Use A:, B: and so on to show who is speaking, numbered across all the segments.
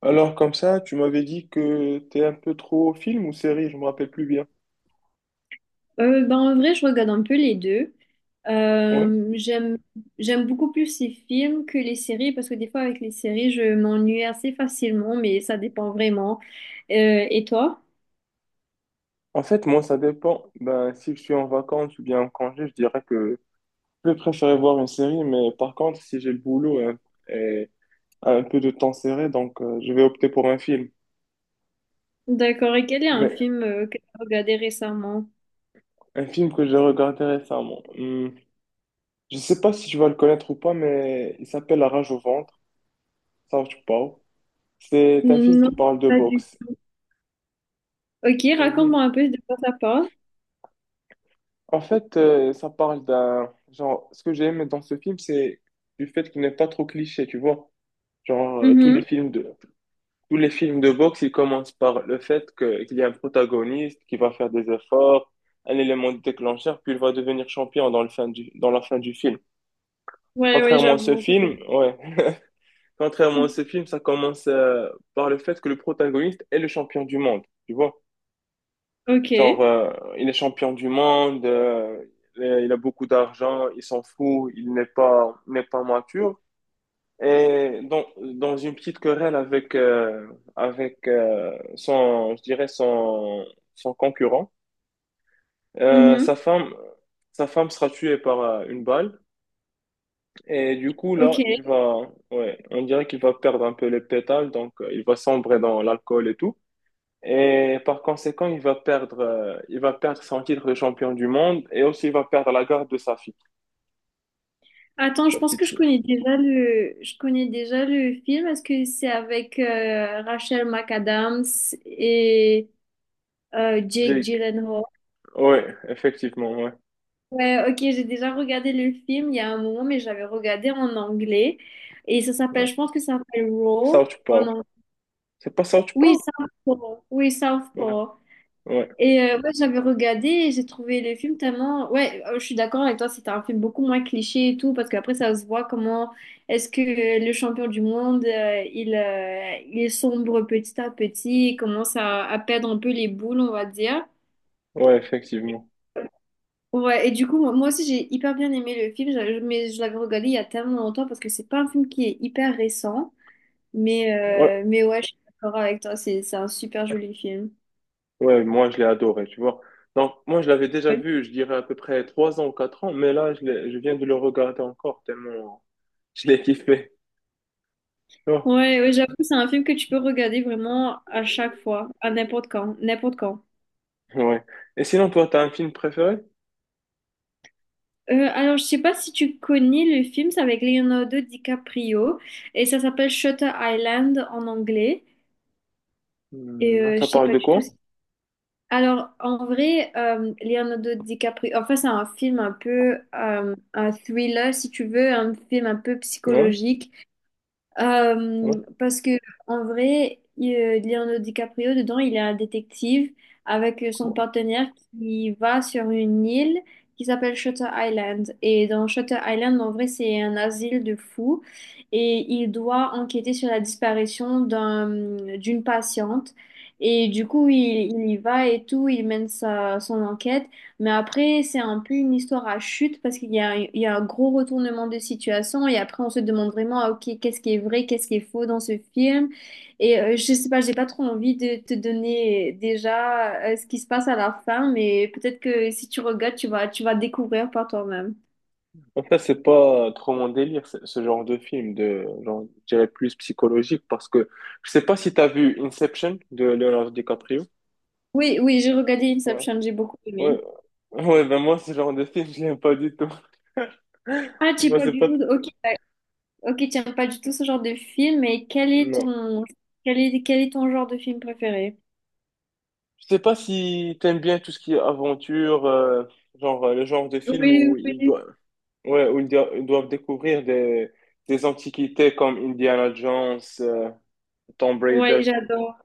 A: Alors, comme ça, tu m'avais dit que t'es un peu trop film ou série, je me rappelle plus bien.
B: En vrai, je regarde un peu les deux.
A: Ouais.
B: Euh, j'aime, J'aime beaucoup plus les films que les séries parce que des fois, avec les séries, je m'ennuie assez facilement, mais ça dépend vraiment. Et toi?
A: En fait, moi, ça dépend. Ben, si je suis en vacances ou bien en congé, je dirais que je vais préférer voir une série, mais par contre, si j'ai le boulot et un peu de temps serré, donc je vais opter pour un film.
B: D'accord. Et quel est un
A: Mais
B: film que tu as regardé récemment?
A: un film que j'ai regardé récemment. Hmm, je sais pas si tu vas le connaître ou pas, mais il s'appelle La Rage au ventre, South Park. C'est un film qui
B: Non,
A: parle de
B: pas du
A: boxe.
B: tout. Ok,
A: C'est un film.
B: raconte-moi un peu de quoi ça parle.
A: En fait, ça parle d'un genre. Ce que j'ai aimé dans ce film, c'est du fait qu'il n'est pas trop cliché, tu vois. Genre tous les
B: Mhm.
A: films de tous les films de boxe, ils commencent par le fait que qu'il y a un protagoniste qui va faire des efforts, un élément déclencheur, puis il va devenir champion dans le fin du dans la fin du film.
B: Ouais, ouais,
A: Contrairement à ce
B: j'avoue. Ouais.
A: film, ouais. Contrairement à ce film, ça commence par le fait que le protagoniste est le champion du monde, tu vois. Genre,
B: Ok.
A: il est champion du monde, il a beaucoup d'argent, il s'en fout, il n'est pas mature. Et dans une petite querelle avec, son, son concurrent, euh, sa
B: Mhm.
A: femme, sa femme sera tuée par une balle. Et du coup,
B: Ok.
A: là, ouais, on dirait qu'il va perdre un peu les pétales, donc il va sombrer dans l'alcool et tout. Et par conséquent, il va perdre son titre de champion du monde et aussi il va perdre la garde de sa fille,
B: Attends, je
A: sa
B: pense que
A: petite
B: je
A: fille.
B: connais déjà je connais déjà le film. Est-ce que c'est avec Rachel McAdams et Jake
A: Jake.
B: Gyllenhaal?
A: Ouais, effectivement, ouais,
B: Ouais, ok, j'ai déjà regardé le film il y a un moment, mais j'avais regardé en anglais. Et ça s'appelle,
A: ouais.
B: je pense que ça s'appelle Raw
A: South
B: en
A: Park.
B: anglais.
A: C'est pas South
B: Oui,
A: Park?
B: Southpaw. Oui,
A: Ouais,
B: Southpaw.
A: ouais,
B: Et ouais, j'avais regardé et j'ai trouvé le film tellement... Ouais, je suis d'accord avec toi, c'était un film beaucoup moins cliché et tout, parce qu'après, ça se voit comment est-ce que le champion du monde, il sombre petit à petit, il commence à perdre un peu les boules, on va dire.
A: ouais, effectivement.
B: Ouais, et du coup, moi aussi, j'ai hyper bien aimé le film, mais je l'avais regardé il y a tellement longtemps, parce que c'est pas un film qui est hyper récent, mais,
A: Ouais,
B: mais ouais, je suis d'accord avec toi, c'est un super joli film.
A: ouais, moi je l'ai adoré, tu vois. Donc, moi je l'avais déjà vu, je dirais à peu près 3 ans ou 4 ans, mais là je viens de le regarder encore tellement je l'ai kiffé.
B: Ouais, ouais, j'avoue, c'est un film que tu peux regarder vraiment à chaque fois, à n'importe quand, n'importe quand.
A: Ouais. Et sinon, toi, t'as un film préféré?
B: Alors, je sais pas si tu connais le film, c'est avec Leonardo DiCaprio et ça s'appelle Shutter Island en anglais. Et
A: Hmm, ça
B: je sais
A: parle
B: pas
A: de
B: du tout.
A: quoi?
B: Alors, en vrai, Leonardo DiCaprio, enfin, c'est un film un peu un thriller, si tu veux, un film un peu
A: Non.
B: psychologique. Euh,
A: Ouais.
B: parce que en vrai, Leonardo DiCaprio, dedans, il est un détective avec son partenaire qui va sur une île qui s'appelle Shutter Island. Et dans Shutter Island, en vrai, c'est un asile de fous. Et il doit enquêter sur la disparition d'une patiente. Et du coup, il y va et tout, il mène son enquête. Mais après, c'est un peu une histoire à chute parce il y a un gros retournement de situation et après, on se demande vraiment, ah, ok, qu'est-ce qui est vrai, qu'est-ce qui est faux dans ce film. Et je sais pas, j'ai pas trop envie de te donner déjà ce qui se passe à la fin, mais peut-être que si tu regardes, tu vas découvrir par toi-même.
A: En fait, c'est pas trop mon délire, ce genre de film, de, genre, je dirais plus psychologique, parce que je sais pas si t'as vu Inception de Leonardo DiCaprio.
B: Oui, oui, j'ai regardé
A: Ouais.
B: Inception, j'ai beaucoup aimé.
A: Ouais. Ouais, ben moi, ce genre de film, je l'aime pas du tout.
B: Ah, tu
A: Moi,
B: pas
A: c'est
B: du
A: pas...
B: tout,
A: t-
B: ok, ok, tu n'aimes pas du tout ce genre de film, mais
A: Non.
B: quel est ton genre de film préféré?
A: Je sais pas si t'aimes bien tout ce qui est aventure, genre le genre de film
B: Oui,
A: où ils
B: oui,
A: doivent, ouais, où ils doivent découvrir des antiquités comme Indiana Jones, Tomb
B: ouais,
A: Raider.
B: j'adore.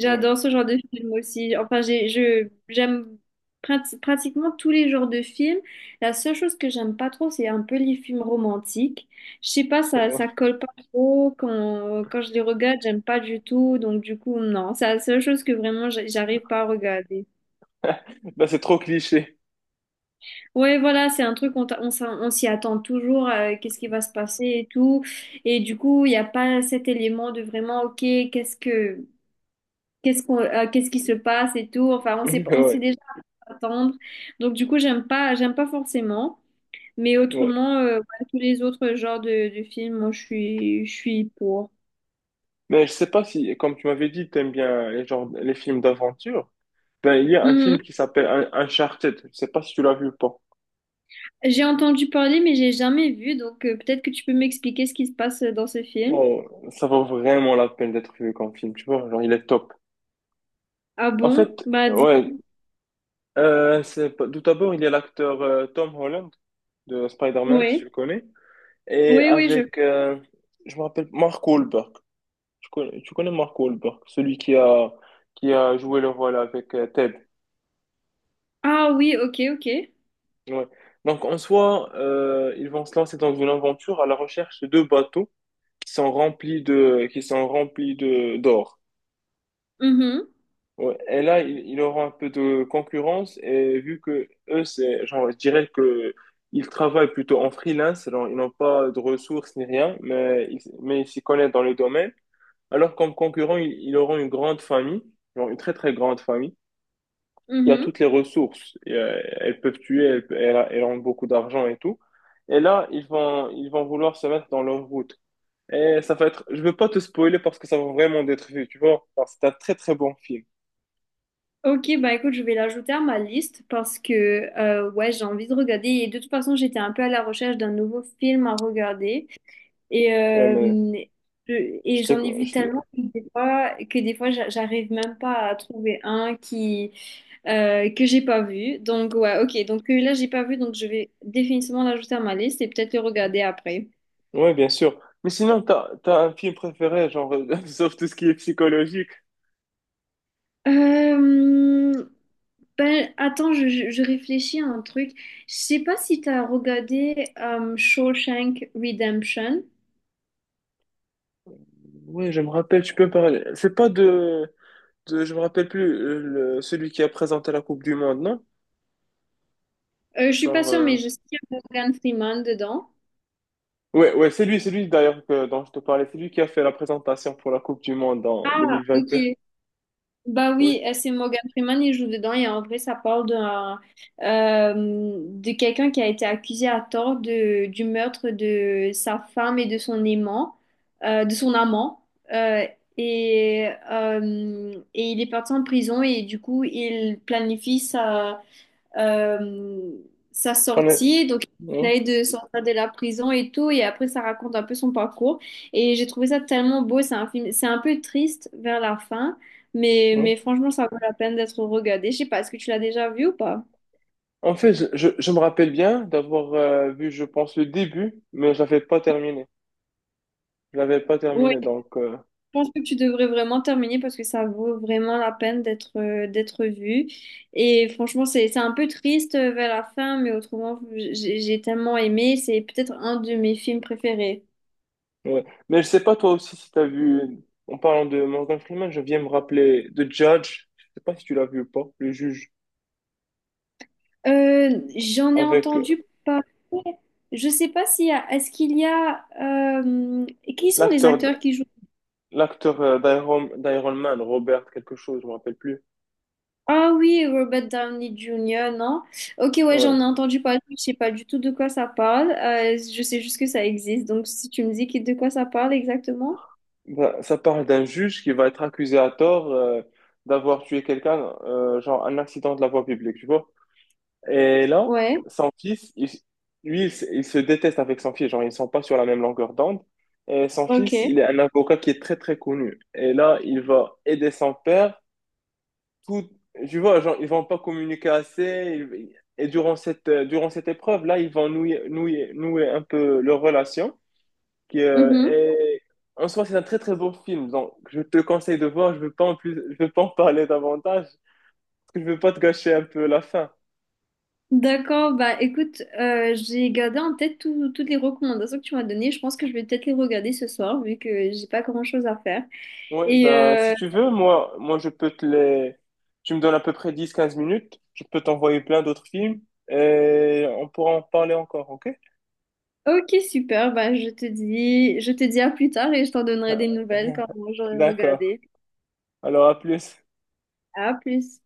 A: Ouais.
B: ce genre de film aussi. Enfin, j'aime pratiquement tous les genres de films. La seule chose que j'aime pas trop, c'est un peu les films romantiques. Je sais pas, ça colle pas trop. Quand je les regarde, j'aime pas du tout. Donc, du coup, non. C'est la seule chose que vraiment, j'arrive pas à regarder.
A: Là, c'est trop cliché.
B: Ouais, voilà, c'est un truc, on s'y attend toujours. Qu'est-ce qui va se passer et tout. Et du coup, il n'y a pas cet élément de vraiment, OK, qu'est-ce que qu'est-ce qu'on, qu'est-ce qui se passe et tout. Enfin, on sait pas, on sait déjà attendre. Donc du coup, j'aime pas forcément. Mais
A: Ouais, ouais.
B: autrement, ouais, tous les autres genres de films, moi, je suis pour.
A: Mais je sais pas si, comme tu m'avais dit, t'aimes bien les genres, les films d'aventure. Ben, il y a un film
B: Mhm.
A: qui s'appelle Uncharted. Je sais pas si tu l'as vu ou pas.
B: J'ai entendu parler, mais j'ai jamais vu. Donc peut-être que tu peux m'expliquer ce qui se passe dans ce film.
A: Oh, ça vaut vraiment la peine d'être vu comme film, tu vois. Genre, il est top.
B: Ah
A: En fait,
B: bon? Bah dis.
A: ouais, c'est pas- tout d'abord, il y a l'acteur Tom Holland de Spider-Man, si tu le
B: Oui.
A: connais. Et
B: Oui, oui, je.
A: avec, je me rappelle, Mark Wahlberg. Tu connais Mark Wahlberg, qui a joué le rôle avec Ted.
B: Ah oui, ok, ok.
A: Ouais. Donc, en soi, ils vont se lancer dans une aventure à la recherche de deux bateaux qui sont qui sont remplis d'or.
B: Mhm,
A: Ouais, et là, il aura un peu de concurrence et vu que eux, c'est, genre, je dirais que ils travaillent plutôt en freelance, genre, ils n'ont pas de ressources ni rien, mais ils s'y connaissent dans le domaine. Alors comme concurrent, ils auront une grande famille, genre une très très grande famille, qui a
B: mhm.
A: toutes les ressources. Et, elles peuvent tuer, elles ont beaucoup d'argent et tout. Et là, ils vont vouloir se mettre dans leur route. Et ça va être, je veux pas te spoiler parce que ça va vraiment d'être vu, tu vois. Alors, c'est un très très bon film.
B: Ok, bah écoute, je vais l'ajouter à ma liste parce que ouais, j'ai envie de regarder. Et de toute façon, j'étais un peu à la recherche d'un nouveau film à regarder. Et,
A: Ouais, mais Je
B: et
A: te
B: j'en ai
A: le,
B: vu
A: je te le-
B: tellement que des fois j'arrive même pas à trouver que j'ai pas vu. Donc, ouais, ok. Donc, là, j'ai pas vu. Donc, je vais définitivement l'ajouter à ma liste et peut-être le regarder après.
A: Ouais, bien sûr. Mais sinon, t'as un film préféré, genre, sauf tout ce qui est psychologique.
B: Euh, Attends, je réfléchis à un truc. Je sais pas si tu as regardé Shawshank Redemption.
A: Ouais, je me rappelle, tu peux me parler. C'est pas de, de, je me rappelle plus, celui qui a présenté la Coupe du Monde, non?
B: Je suis pas
A: Genre,
B: sûre, mais je sais qu'il y a Morgan Freeman dedans.
A: ouais, ouais, c'est lui d'ailleurs que, dont je te parlais. C'est lui qui a fait la présentation pour la Coupe du Monde en 2022.
B: Ok, bah
A: Ouais.
B: oui, c'est Morgan Freeman, il joue dedans et en vrai, de quelqu'un qui a été accusé à tort du meurtre de sa femme et de son aimant, de son amant. Euh, et il est parti en prison et du coup, il planifie ça euh, sa
A: On est-
B: sortie. Donc, il
A: ouais,
B: essaye de sortir de la prison et tout. Et après, ça raconte un peu son parcours. Et j'ai trouvé ça tellement beau. C'est un film, c'est un peu triste vers la fin.
A: ouais.
B: Mais franchement, ça vaut la peine d'être regardé. Je sais pas, est-ce que tu l'as déjà vu ou pas?
A: En fait, je me rappelle bien d'avoir vu, je pense, le début, mais je l'avais pas terminé. Je l'avais pas
B: Oui,
A: terminé,
B: je pense que tu devrais vraiment terminer parce que ça vaut vraiment la peine d'être vu. Et franchement, c'est un peu triste vers la fin, mais autrement, j'ai tellement aimé. C'est peut-être un de mes films préférés.
A: Ouais. Mais je sais pas toi aussi si t'as vu, en parlant de Morgan Freeman, je viens me rappeler de Judge, je sais pas si tu l'as vu ou pas, le juge,
B: J'en ai
A: avec
B: entendu parler. Je sais pas s'il y a. Est-ce qu'il y a. Qui sont les acteurs
A: l'acteur
B: qui jouent?
A: l'acteur d'Iron Man, Robert quelque chose, je me rappelle plus.
B: Ah oui, Robert Downey Jr., non? Ok, ouais,
A: Ouais.
B: j'en ai entendu parler. Je sais pas du tout de quoi ça parle. Je sais juste que ça existe. Donc, si tu me dis de quoi ça parle exactement?
A: Bah, ça parle d'un juge qui va être accusé à tort d'avoir tué quelqu'un, genre un accident de la voie publique, tu vois. Et là,
B: Ouais,
A: son fils, il- lui, il se déteste avec son fils. Genre, ils ne sont pas sur la même longueur d'onde. Et son fils,
B: ok.
A: il est un avocat qui est très, très connu. Et là, il va aider son père. Tout, tu vois, genre, ils vont pas communiquer assez. Et durant cette épreuve, là, ils vont nouer un peu leur relation. Qui, euh,
B: Mhm.
A: est- En soi, c'est un très, très beau film. Donc, je te conseille de voir. Je veux pas en parler davantage. Parce que je veux pas te gâcher un peu la fin.
B: D'accord, bah écoute, j'ai gardé en tête toutes les recommandations que tu m'as données. Je pense que je vais peut-être les regarder ce soir vu que j'ai pas grand-chose à faire.
A: Ouais,
B: Et
A: ben, si tu veux, moi, je peux te les. Tu me donnes à peu près dix quinze minutes. Je peux t'envoyer plein d'autres films et on pourra en parler encore, ok?
B: Ok, super. Ben, je te dis à plus tard et je t'en donnerai des nouvelles quand j'aurai
A: D'accord.
B: regardé.
A: Alors, à plus.
B: À plus.